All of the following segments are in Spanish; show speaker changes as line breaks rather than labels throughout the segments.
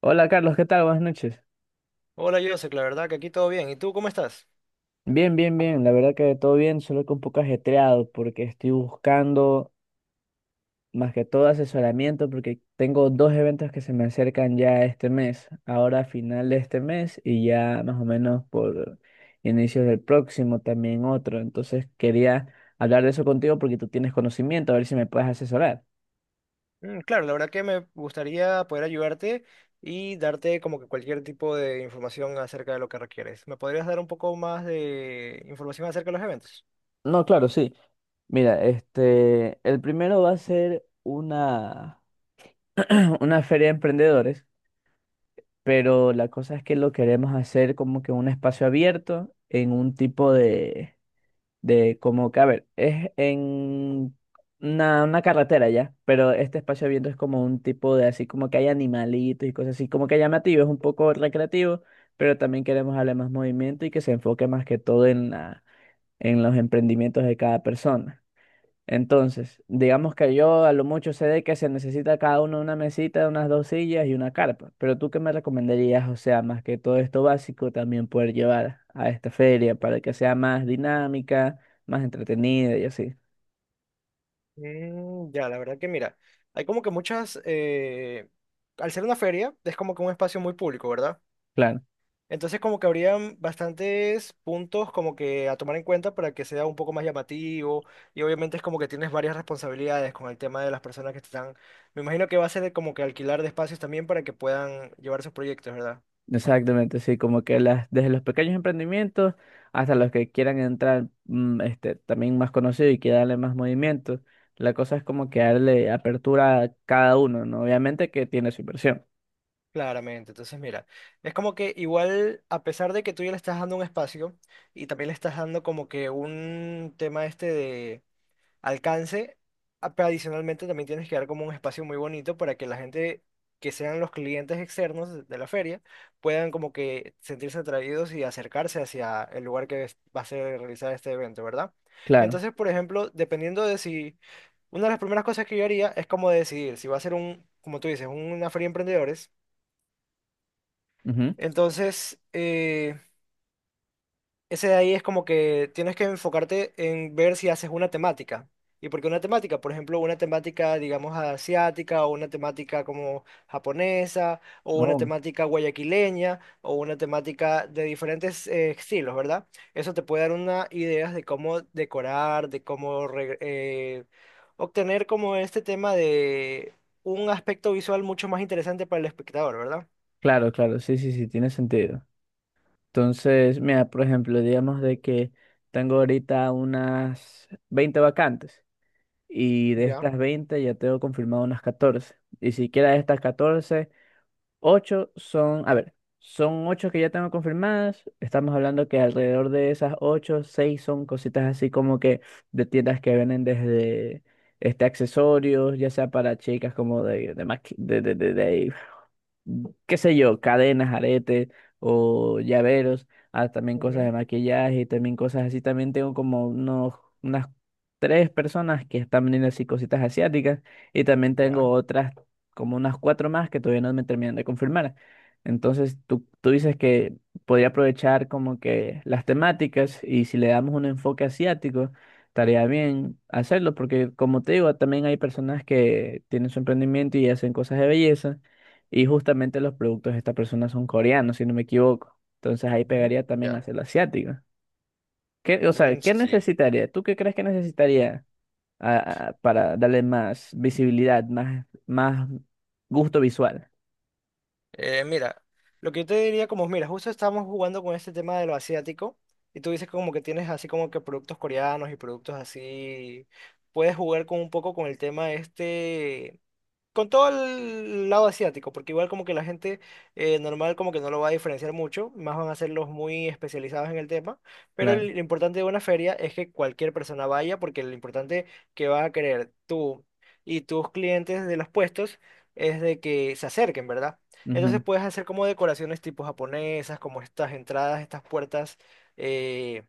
Hola Carlos, ¿qué tal? Buenas noches.
Hola, Joseph, la verdad que aquí todo bien. ¿Y tú cómo estás?
Bien, bien, bien. La verdad que todo bien, solo que un poco ajetreado porque estoy buscando más que todo asesoramiento porque tengo dos eventos que se me acercan ya este mes, ahora a final de este mes y ya más o menos por inicios del próximo también otro. Entonces quería hablar de eso contigo porque tú tienes conocimiento, a ver si me puedes asesorar.
Claro, la verdad que me gustaría poder ayudarte y darte como que cualquier tipo de información acerca de lo que requieres. ¿Me podrías dar un poco más de información acerca de los eventos?
No, claro, sí. Mira, este, el primero va a ser una, una feria de emprendedores, pero la cosa es que lo queremos hacer como que un espacio abierto en un tipo de como que, a ver, es en una carretera ya, pero este espacio abierto es como un tipo de así como que hay animalitos y cosas así, como que llamativo, es un poco recreativo, pero también queremos darle más movimiento y que se enfoque más que todo en en los emprendimientos de cada persona. Entonces, digamos que yo a lo mucho sé de que se necesita cada uno una mesita, unas dos sillas y una carpa, pero ¿tú qué me recomendarías? O sea, más que todo esto básico, también poder llevar a esta feria para que sea más dinámica, más entretenida y así.
Ya, la verdad que mira, hay como que muchas, al ser una feria, es como que un espacio muy público, ¿verdad?
Claro,
Entonces como que habrían bastantes puntos como que a tomar en cuenta para que sea un poco más llamativo y obviamente es como que tienes varias responsabilidades con el tema de las personas que te están... Me imagino que va a ser como que alquilar de espacios también para que puedan llevar sus proyectos, ¿verdad?
exactamente, sí, como que desde los pequeños emprendimientos hasta los que quieran entrar este, también más conocidos, y que darle más movimiento, la cosa es como que darle apertura a cada uno, ¿no? Obviamente que tiene su inversión.
Claramente, entonces mira, es como que igual a pesar de que tú ya le estás dando un espacio y también le estás dando como que un tema este alcance. Pero adicionalmente también tienes que dar como un espacio muy bonito para que la gente que sean los clientes externos de la feria puedan como que sentirse atraídos y acercarse hacia el lugar que va a ser realizado este evento, ¿verdad?
Claro.
Entonces, por ejemplo, dependiendo de si... Una de las primeras cosas que yo haría es como decidir si va a ser un, como tú dices, una feria de emprendedores.
Ujú.
Entonces, ese de ahí es como que tienes que enfocarte en ver si haces una temática. ¿Y por qué una temática? Por ejemplo, una temática, digamos, asiática, o una temática como japonesa, o una
Oh.
temática guayaquileña, o una temática de diferentes estilos, ¿verdad? Eso te puede dar una idea de cómo decorar, de cómo obtener como este tema de un aspecto visual mucho más interesante para el espectador, ¿verdad?
Claro, claro, sí, sí, sí, tiene sentido. Entonces, mira, por ejemplo, digamos de que tengo ahorita unas 20 vacantes y de
Ya,
estas 20 ya tengo confirmado unas 14. Y siquiera de estas 14, ocho son, a ver, son ocho que ya tengo confirmadas. Estamos hablando que alrededor de esas ocho, seis son cositas así como que de tiendas que venden desde este accesorios, ya sea para chicas como de, maqui- de- qué sé yo, cadenas, aretes o llaveros, ah, también cosas
ujú,
de maquillaje y también cosas así. También tengo como unas tres personas que están vendiendo así cositas asiáticas, y también tengo
ya,
otras como unas cuatro más que todavía no me terminan de confirmar. Entonces, tú dices que podría aprovechar como que las temáticas, y si le damos un enfoque asiático, estaría bien hacerlo, porque como te digo, también hay personas que tienen su emprendimiento y hacen cosas de belleza, y justamente los productos de esta persona son coreanos, si no me equivoco. Entonces ahí
ujú,
pegaría también
ya.
hacerlo asiático. O sea, ¿qué
Sí.
necesitaría? ¿Tú qué crees que necesitaría? Para darle más visibilidad, más gusto visual.
Mira, lo que yo te diría como, mira, justo estamos jugando con este tema de lo asiático y tú dices como que tienes así como que productos coreanos y productos así, puedes jugar con un poco con el tema este con todo el lado asiático, porque igual como que la gente normal como que no lo va a diferenciar mucho, más van a ser los muy especializados en el tema, pero
Claro.
lo importante de una feria es que cualquier persona vaya, porque lo importante que vas a querer tú y tus clientes de los puestos es de que se acerquen, ¿verdad? Entonces
Ujú.
puedes hacer como decoraciones tipo japonesas, como estas entradas, estas puertas, eh,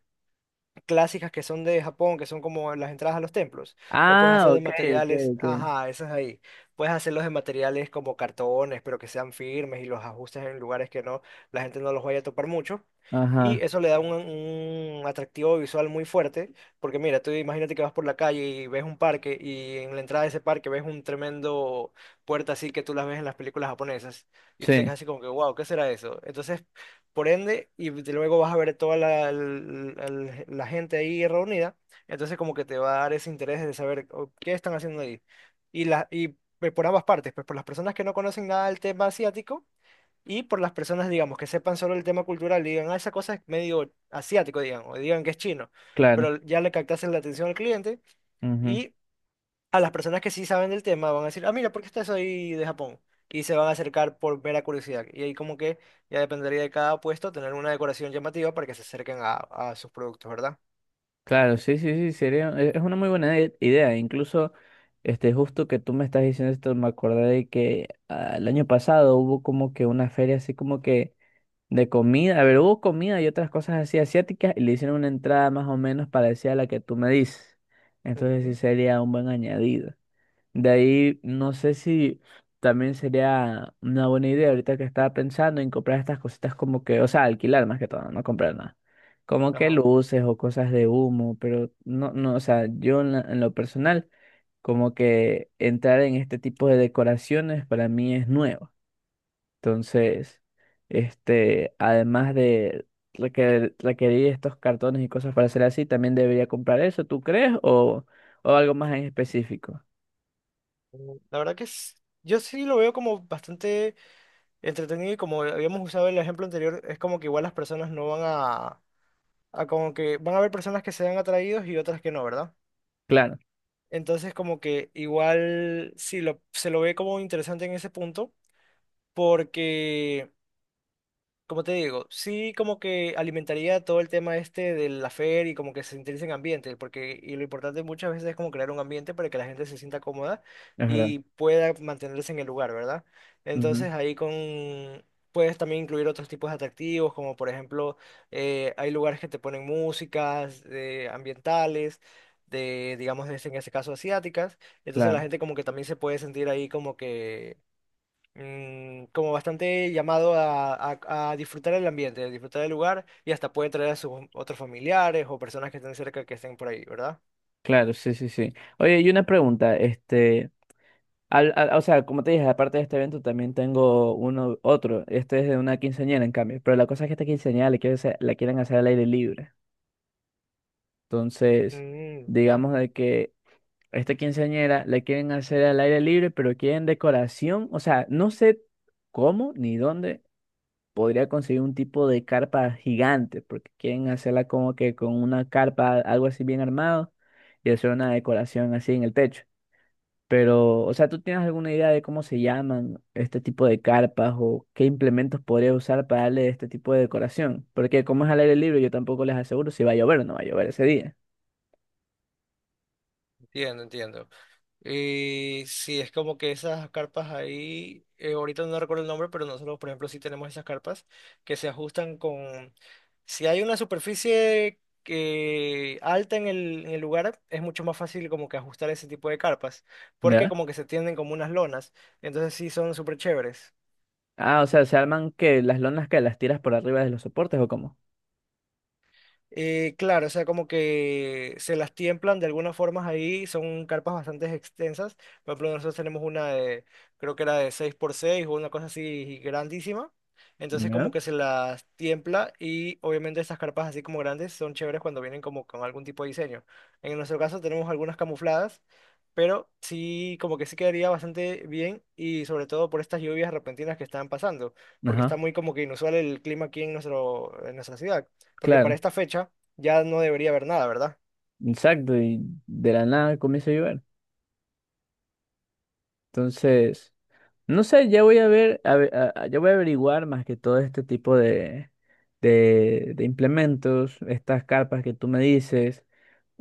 clásicas, que son de Japón, que son como las entradas a los templos. Lo puedes
Ah,
hacer de
ok, ok,
materiales,
ok.
ajá, esas ahí. Puedes hacerlos de materiales como cartones, pero que sean firmes y los ajustes en lugares que no, la gente no los vaya a topar mucho. Y
Ajá,
eso le da un atractivo visual muy fuerte, porque mira, tú imagínate que vas por la calle y ves un parque y en la entrada de ese parque ves un tremendo puerta así que tú las ves en las películas japonesas y tú te
sí,
quedas así como que, wow, ¿qué será eso? Entonces por ende, y luego vas a ver toda la gente ahí reunida, entonces como que te va a dar ese interés de saber o, qué están haciendo ahí. Y, la, y Pues, por ambas partes, pues por las personas que no conocen nada del tema asiático y por las personas, digamos, que sepan solo el tema cultural y digan, ah, esa cosa es medio asiático, digan, o digan que es chino,
claro.
pero ya le captasen la atención al cliente
Ujú.
y a las personas que sí saben del tema van a decir, ah, mira, ¿por qué está eso ahí de Japón? Y se van a acercar por mera curiosidad. Y ahí como que ya dependería de cada puesto tener una decoración llamativa para que se acerquen a sus productos, ¿verdad?
Claro, sí, sí, sí, sería, es una muy buena idea. Incluso, este, justo que tú me estás diciendo esto, me acordé de que ah, el año pasado hubo como que una feria así como que de comida. A ver, hubo comida y otras cosas así asiáticas, y le hicieron una entrada más o menos parecida a la que tú me dices. Entonces sí
Ujú,
sería un buen añadido. De ahí, no sé si también sería una buena idea, ahorita que estaba pensando en comprar estas cositas como que, o sea, alquilar más que todo, no comprar nada. Como que
ajá.
luces o cosas de humo, pero no, no, o sea, yo en lo personal, como que entrar en este tipo de decoraciones para mí es nuevo. Entonces, este, además de requerir estos cartones y cosas para hacer así, también debería comprar eso, ¿tú crees? O algo más en específico.
La verdad que yo sí lo veo como bastante entretenido y como habíamos usado el ejemplo anterior, es como que igual las personas no van a como que van a haber personas que sean atraídos y otras que no, ¿verdad?
Claro,
Entonces como que igual sí lo, se lo ve como interesante en ese punto porque, como te digo, sí como que alimentaría todo el tema este de la feria y como que se interese en ambiente, porque y lo importante muchas veces es como crear un ambiente para que la gente se sienta cómoda
es verdad.
y pueda mantenerse en el lugar, ¿verdad?
Ujú.
Entonces ahí con puedes también incluir otros tipos de atractivos, como por ejemplo hay lugares que te ponen músicas ambientales, de digamos en este caso asiáticas, entonces la
Claro,
gente como que también se puede sentir ahí como que como bastante llamado a, a disfrutar el ambiente, a disfrutar el lugar y hasta pueden traer a sus otros familiares o personas que estén cerca que estén por ahí, ¿verdad?
claro, sí, sí, sí. Oye, y una pregunta, este, o sea, como te dije, aparte de este evento también tengo uno, otro, este es de una quinceañera en cambio, pero la cosa es que esta quinceañera le quiere hacer- la quieren hacer al aire libre, entonces,
Mm, ya,
digamos de que esta quinceañera la quieren hacer al aire libre, pero quieren decoración, o sea, no sé cómo ni dónde podría conseguir un tipo de carpa gigante, porque quieren hacerla como que con una carpa, algo así bien armado, y hacer una decoración así en el techo. Pero, o sea, ¿tú tienes alguna idea de cómo se llaman este tipo de carpas o qué implementos podría usar para darle este tipo de decoración? Porque como es al aire libre, yo tampoco les aseguro si va a llover o no va a llover ese día.
Entiendo, entiendo. Y sí, es como que esas carpas ahí, ahorita no recuerdo el nombre, pero nosotros, por ejemplo, sí tenemos esas carpas que se ajustan con... Si hay una superficie que alta en en el lugar, es mucho más fácil como que ajustar ese tipo de carpas, porque
¿Ya?
como que se tienden como unas lonas, entonces sí son súper chéveres.
Ah, o sea, ¿se arman que las lonas que las tiras por arriba de los soportes o cómo?
Claro, o sea, como que se las tiemplan de algunas formas ahí, son carpas bastante extensas. Por ejemplo, nosotros tenemos una de, creo que era de 6x6 o una cosa así grandísima. Entonces como
¿Ya?
que se las tiempla y obviamente estas carpas así como grandes son chéveres cuando vienen como con algún tipo de diseño. En nuestro caso tenemos algunas camufladas, pero sí, como que sí quedaría bastante bien y sobre todo por estas lluvias repentinas que están pasando, porque está
Ajá,
muy como que inusual el clima aquí en nuestro, en nuestra ciudad porque para
claro,
esta fecha ya no debería haber nada, ¿verdad?
exacto, y de la nada comienza a llover. Entonces. No sé, ya voy a ver, a ve- a- ya voy a averiguar más que todo este tipo de, de implementos, estas carpas que tú me dices,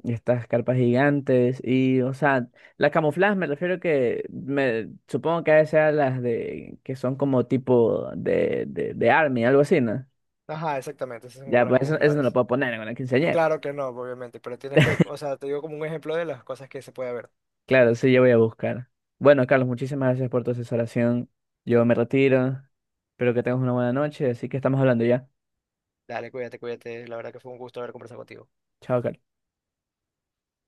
estas carpas gigantes, y, o sea, la camuflaje me refiero que me supongo que a veces sean las de que son como tipo de army, algo así, ¿no?
Ajá, exactamente, esas son como
Ya,
las
pues eso no lo
camufladas.
puedo poner en la quinceañera.
Claro que no, obviamente, pero tienes que, o sea, te digo como un ejemplo de las cosas que se puede ver.
Claro, sí, yo voy a buscar. Bueno, Carlos, muchísimas gracias por tu asesoración. Yo me retiro. Espero que tengas una buena noche, así que estamos hablando ya.
Dale, cuídate, cuídate, la verdad que fue un gusto haber conversado contigo.
Chao, Carlos.